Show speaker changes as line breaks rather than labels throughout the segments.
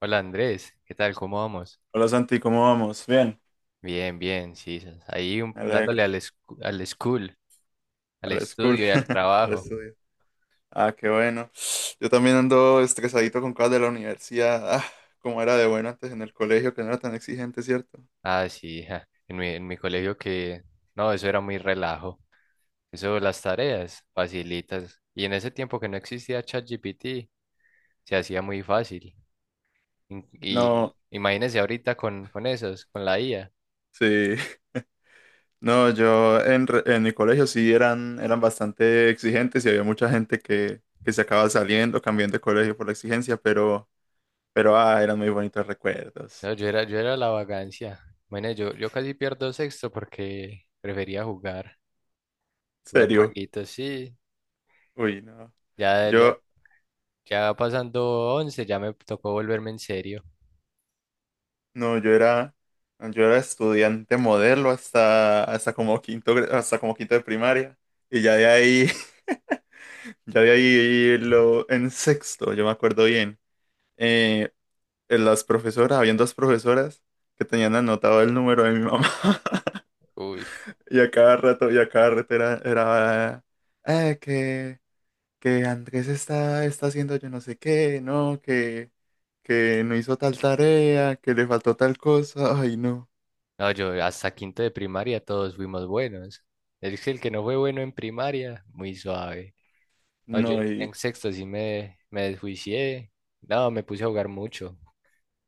Hola Andrés, ¿qué tal? ¿Cómo vamos?
Hola Santi, ¿cómo vamos? Bien,
Bien, bien, sí, s- ahí un-
me
dándole
alegro.
al, escu- al school, al
A la school,
estudio y al
al
trabajo.
estudio. Ah, qué bueno. Yo también ando estresadito con cosas de la universidad. Ah, cómo era de bueno antes en el colegio, que no era tan exigente, ¿cierto?
Ah, sí, ja, en mi, en mi colegio que, no, eso era muy relajo. Eso, las tareas, facilitas. Y en ese tiempo que no existía ChatGPT, se hacía muy fácil. In- Y
No,
imagínese ahorita con esos, con la IA.
sí. No, yo en mi colegio sí eran, bastante exigentes y había mucha gente que se acaba saliendo, cambiando de colegio por la exigencia, pero eran muy bonitos recuerdos.
No, yo era la vagancia. Bueno, yo casi pierdo sexto porque prefería jugar, jugar
¿Serio?
jueguitos, sí.
Uy, no.
Ya
Yo,
ya va pasando once, ya me tocó volverme en serio.
No, yo era estudiante modelo hasta como quinto, hasta como quinto de primaria. Y ya de ahí en sexto, yo me acuerdo bien. eh, habían dos profesoras que tenían anotado el número de mi mamá.
Uy,
Y a cada rato era eh, que, que Andrés está haciendo yo no sé qué, no, que no hizo tal tarea, que le faltó tal cosa. Ay, no.
no, yo hasta quinto de primaria todos fuimos buenos. Es que el que no fue bueno en primaria, muy suave. No, yo
No,
en
y.
sexto sí me desjuicié. No, me puse a jugar mucho.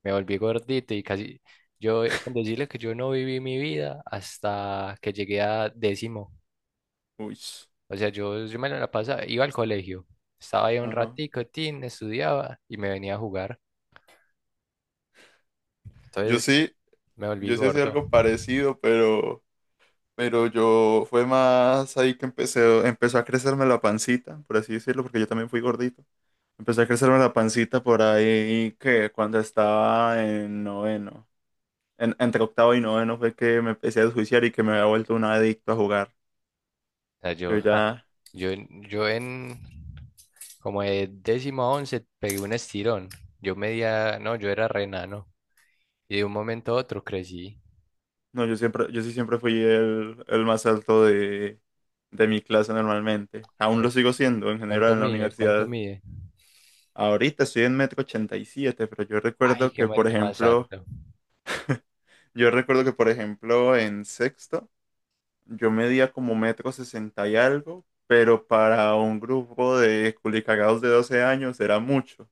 Me volví gordito y casi. Yo, con decirles que yo no viví mi vida hasta que llegué a décimo.
Uy.
O sea, yo me la pasaba, iba al colegio. Estaba ahí un
Ajá.
ratico, tin, estudiaba y me venía a jugar.
Yo
Entonces
sí,
me volví
yo sí hacía
gordo. O
algo parecido, pero yo fue más ahí que empezó a crecerme la pancita, por así decirlo, porque yo también fui gordito. Empezó a crecerme la pancita por ahí que cuando estaba en noveno, entre octavo y noveno fue que me empecé a desjuiciar y que me había vuelto un adicto a jugar.
sea,
Yo
yo
ya,
Yo, yo en como de décimo a once pegué un estirón. Yo medía, no, yo era renano. Y de un momento a otro crecí.
no, yo sí siempre fui el más alto de mi clase normalmente. Aún
¿Cu-
lo sigo siendo en general
¿Cuánto
en la
mide? ¿Cuánto
universidad.
mide?
Ahorita estoy en metro 87, pero yo
Ay,
recuerdo
qué
que, por
marica más
ejemplo,
alto.
yo recuerdo que, por ejemplo, en sexto, yo medía como metro 60 y algo, pero para un grupo de culicagados de 12 años era mucho.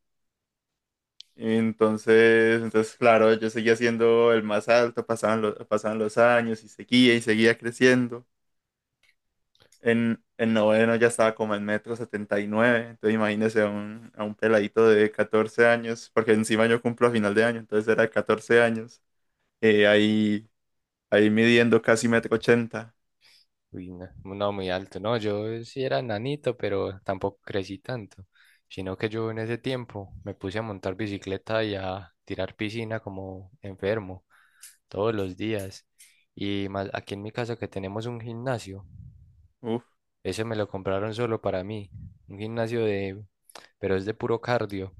Entonces, claro, yo seguía siendo el más alto, pasaban los años y seguía creciendo. En noveno ya estaba como en metro setenta y nueve. Entonces imagínese a un peladito de 14 años, porque encima yo cumplo a final de año, entonces era de 14 años, eh, ahí, ahí midiendo casi metro ochenta.
Uy, no, no, muy alto. No, yo sí era nanito, pero tampoco crecí tanto. Sino que yo en ese tiempo me puse a montar bicicleta y a tirar piscina como enfermo, todos los días. Y más aquí en mi casa que tenemos un gimnasio.
Uf,
Ese me lo compraron solo para mí. Un gimnasio de, pero es de puro cardio.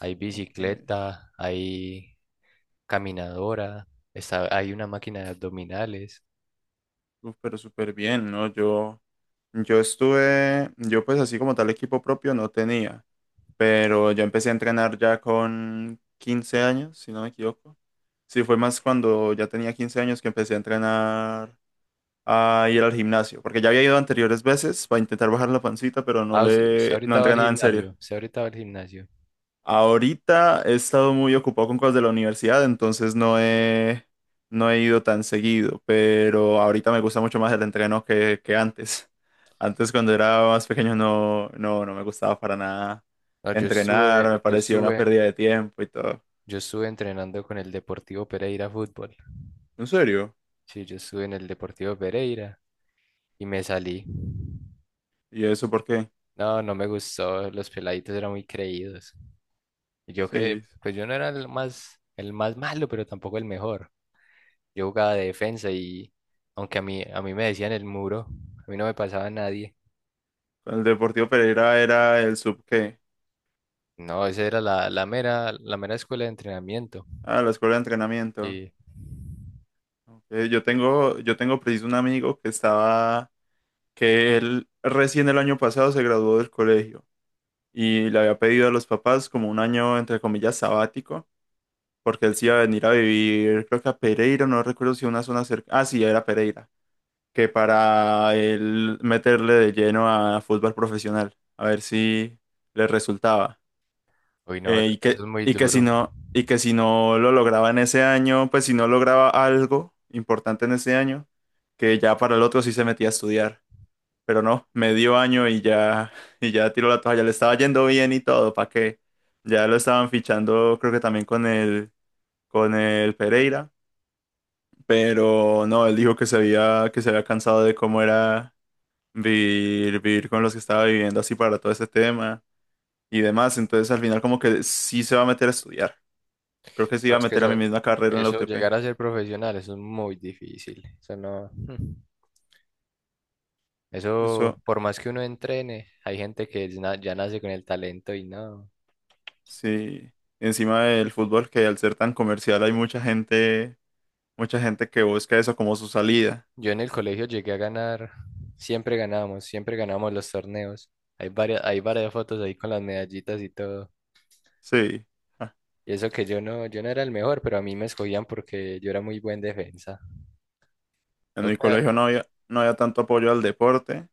Hay
ok,
bicicleta, hay caminadora, está, hay una máquina de abdominales.
uf, pero súper bien, ¿no? Yo pues así como tal equipo propio no tenía, pero yo empecé a entrenar ya con 15 años, si no me equivoco. Sí, fue más cuando ya tenía 15 años que empecé a entrenar a ir al gimnasio, porque ya había ido anteriores veces para intentar bajar la pancita, pero
Ah, usted, usted
no
ahorita va
entré
al
nada en serio.
gimnasio, usted ahorita va al gimnasio.
Ahorita he estado muy ocupado con cosas de la universidad, entonces no he ido tan seguido, pero ahorita me gusta mucho más el entreno que antes. Antes cuando era más pequeño no me gustaba para nada
No,
entrenar, me parecía una pérdida de tiempo y todo.
yo estuve entrenando con el Deportivo Pereira fútbol.
¿En serio?
Sí, yo estuve en el Deportivo Pereira y me salí.
¿Y eso por qué?
No, no me gustó, los peladitos eran muy creídos. Y yo que,
Sí,
pues yo no era el más malo, pero tampoco el mejor. Yo jugaba de defensa y aunque a mí me decían el muro, a mí no me pasaba nadie.
con el Deportivo Pereira era el sub qué?
No, esa era la, la mera escuela de entrenamiento.
Ah, la escuela de entrenamiento.
Y,
Yo tengo preciso un amigo que él recién el año pasado se graduó del colegio y le había pedido a los papás como un año, entre comillas, sabático, porque
sí,
él sí iba
sí.
a venir a vivir, creo que a Pereira, no recuerdo si una zona cerca, ah, sí, era Pereira, que para él meterle de lleno a fútbol profesional, a ver si le resultaba.
Uy, no,
Eh,
eso
y
eso
que,
es muy
y que si
duro.
no, y que si no lo lograba en ese año, pues si no lograba algo importante en ese año, que ya para el otro sí se metía a estudiar. Pero no, medio año y ya, y ya tiró la toalla. Le estaba yendo bien y todo, ¿para qué? Ya lo estaban fichando, creo que también con el Pereira. Pero no, él dijo que se había cansado de cómo era vivir con los que estaba viviendo así para todo ese tema y demás. Entonces al final como que sí se va a meter a estudiar. Creo que sí
No,
iba a
es que
meter a mi
eso,
misma carrera en la
eso,
UTP.
llegar a ser profesional, eso es muy difícil. Eso no, mm. Eso,
Eso
por más que uno entrene, hay gente que es na- ya nace con el talento y no.
sí. Encima del fútbol, que al ser tan comercial hay mucha gente que busca eso como su salida.
Yo en el colegio llegué a ganar, siempre ganábamos los torneos. Hay varias fotos ahí con las medallitas y todo.
Sí. Ah,
Y eso que yo no, yo no era el mejor, pero a mí me escogían porque yo era muy buen defensa.
en mi
Toca.
colegio no había tanto apoyo al deporte,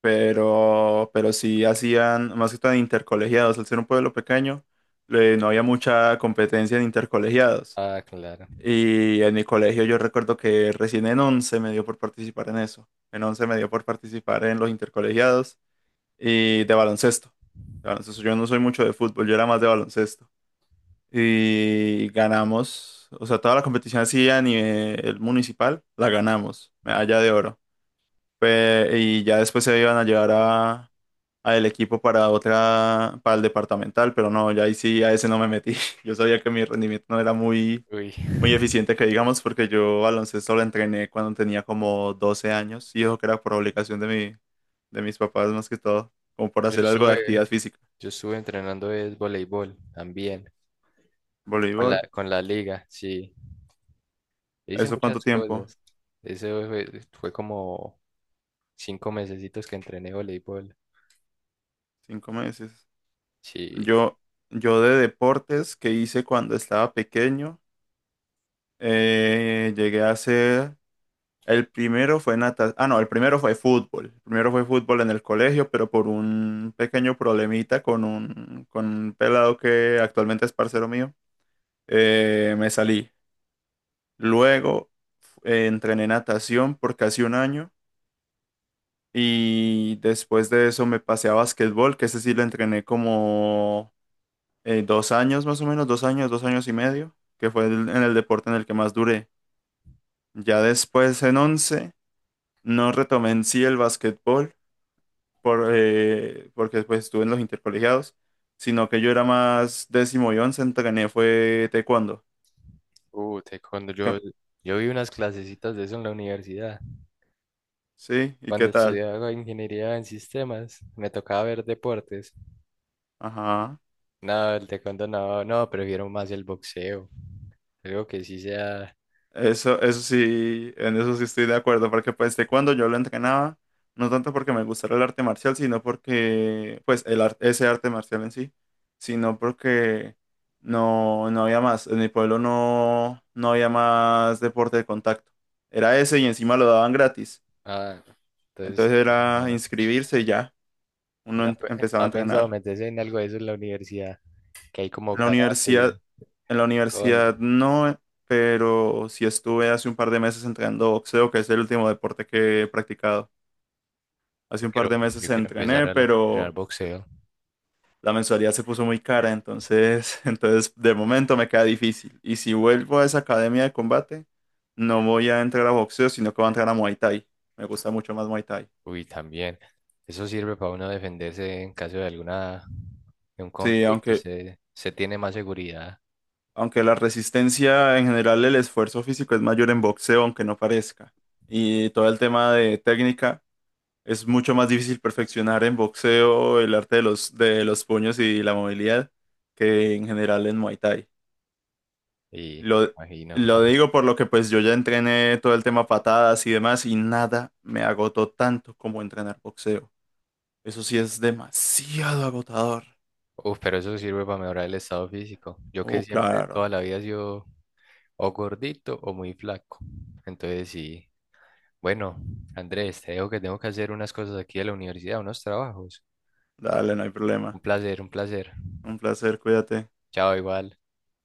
pero sí hacían, más que todo intercolegiados. Al ser un pueblo pequeño, no había mucha competencia en intercolegiados.
Ah, claro.
Y en mi colegio yo recuerdo que recién en 11 me dio por participar en eso. En 11 me dio por participar en los intercolegiados y de baloncesto. De baloncesto. Yo no soy mucho de fútbol, yo era más de baloncesto. Y ganamos, o sea, toda la competición así a nivel municipal, la ganamos, medalla de oro. Y ya después se iban a llevar a el equipo para el departamental, pero no, ya ahí sí a ese no me metí. Yo sabía que mi rendimiento no era muy,
Uy,
muy eficiente, que digamos, porque yo baloncesto lo entrené cuando tenía como 12 años y eso que era por obligación de mis papás más que todo, como por
yo
hacer algo de
estuve,
actividad física.
yo estuve entrenando es voleibol también,
Voleibol.
con la liga, sí. E hice
¿Eso cuánto
muchas
tiempo?
cosas. Eso fue, fue como 5 mesecitos que entrené voleibol.
5 meses.
Sí.
Yo, yo de deportes que hice cuando estaba pequeño, llegué a hacer, el primero fue natación. Ah, no, el primero fue fútbol. El primero fue fútbol en el colegio, pero por un pequeño problemita con un pelado que actualmente es parcero mío, me salí. Luego entrené natación por casi un año. Y después de eso me pasé a básquetbol, que ese sí lo entrené como 2 años más o menos, 2 años, 2 años y medio, que fue en el deporte en el que más duré. Ya después en 11 no retomé en sí el básquetbol porque después estuve en los intercolegiados, sino que yo era más décimo y once, entrené fue taekwondo.
Uh, te- cuando yo,
¿Qué-
yo vi unas clasecitas de eso en la universidad.
Sí, ¿y qué
Cuando
tal?
estudiaba ingeniería en sistemas, me tocaba ver deportes.
Ajá.
No, el taekwondo no, no, prefiero más el boxeo. Algo que sí sea.
En eso sí estoy de acuerdo, porque pues de cuando yo lo entrenaba, no tanto porque me gustara el arte marcial, sino porque, pues ese arte marcial en sí, sino porque no había más, en mi pueblo no había más deporte de contacto. Era ese y encima lo daban gratis,
Ah, entonces,
entonces era
relajado.
inscribirse y ya,
Y
uno
no, pe-
empezaba a
no ha pensado
entrenar.
meterse en algo de eso en la universidad, que hay
En
como
la
karate
universidad,
y
en la
con.
universidad no, pero sí estuve hace un par de meses entrenando boxeo, que es el último deporte que he practicado. Hace
Yo
un par
quiero,
de meses
yo quiero empezar
entrené,
a la- entrenar
pero
boxeo.
la mensualidad se puso muy cara, entonces, entonces de momento me queda difícil. Y si vuelvo a esa academia de combate, no voy a entrar a boxeo, sino que voy a entrar a Muay Thai. Me gusta mucho más Muay Thai.
Uy, también. Eso sirve para uno defenderse en caso de alguna, de un
Sí,
conflicto.
aunque,
Se tiene más seguridad
aunque la resistencia en general, el esfuerzo físico es mayor en boxeo, aunque no parezca. Y todo el tema de técnica. Es mucho más difícil perfeccionar en boxeo el arte de los puños y la movilidad que en general en Muay Thai.
y me
Lo,
imagino.
lo digo por lo que pues yo ya entrené todo el tema patadas y demás y nada me agotó tanto como entrenar boxeo. Eso sí es demasiado agotador.
Uf, pero eso sirve para mejorar el estado físico. Yo que
Oh,
siempre, toda
claro.
la vida yo o gordito o muy flaco. Entonces, sí. Bueno, Andrés, te dejo que tengo que hacer unas cosas aquí de la universidad, unos trabajos.
Dale, no hay
Un
problema.
placer, un placer.
Un placer, cuídate.
Chao, igual.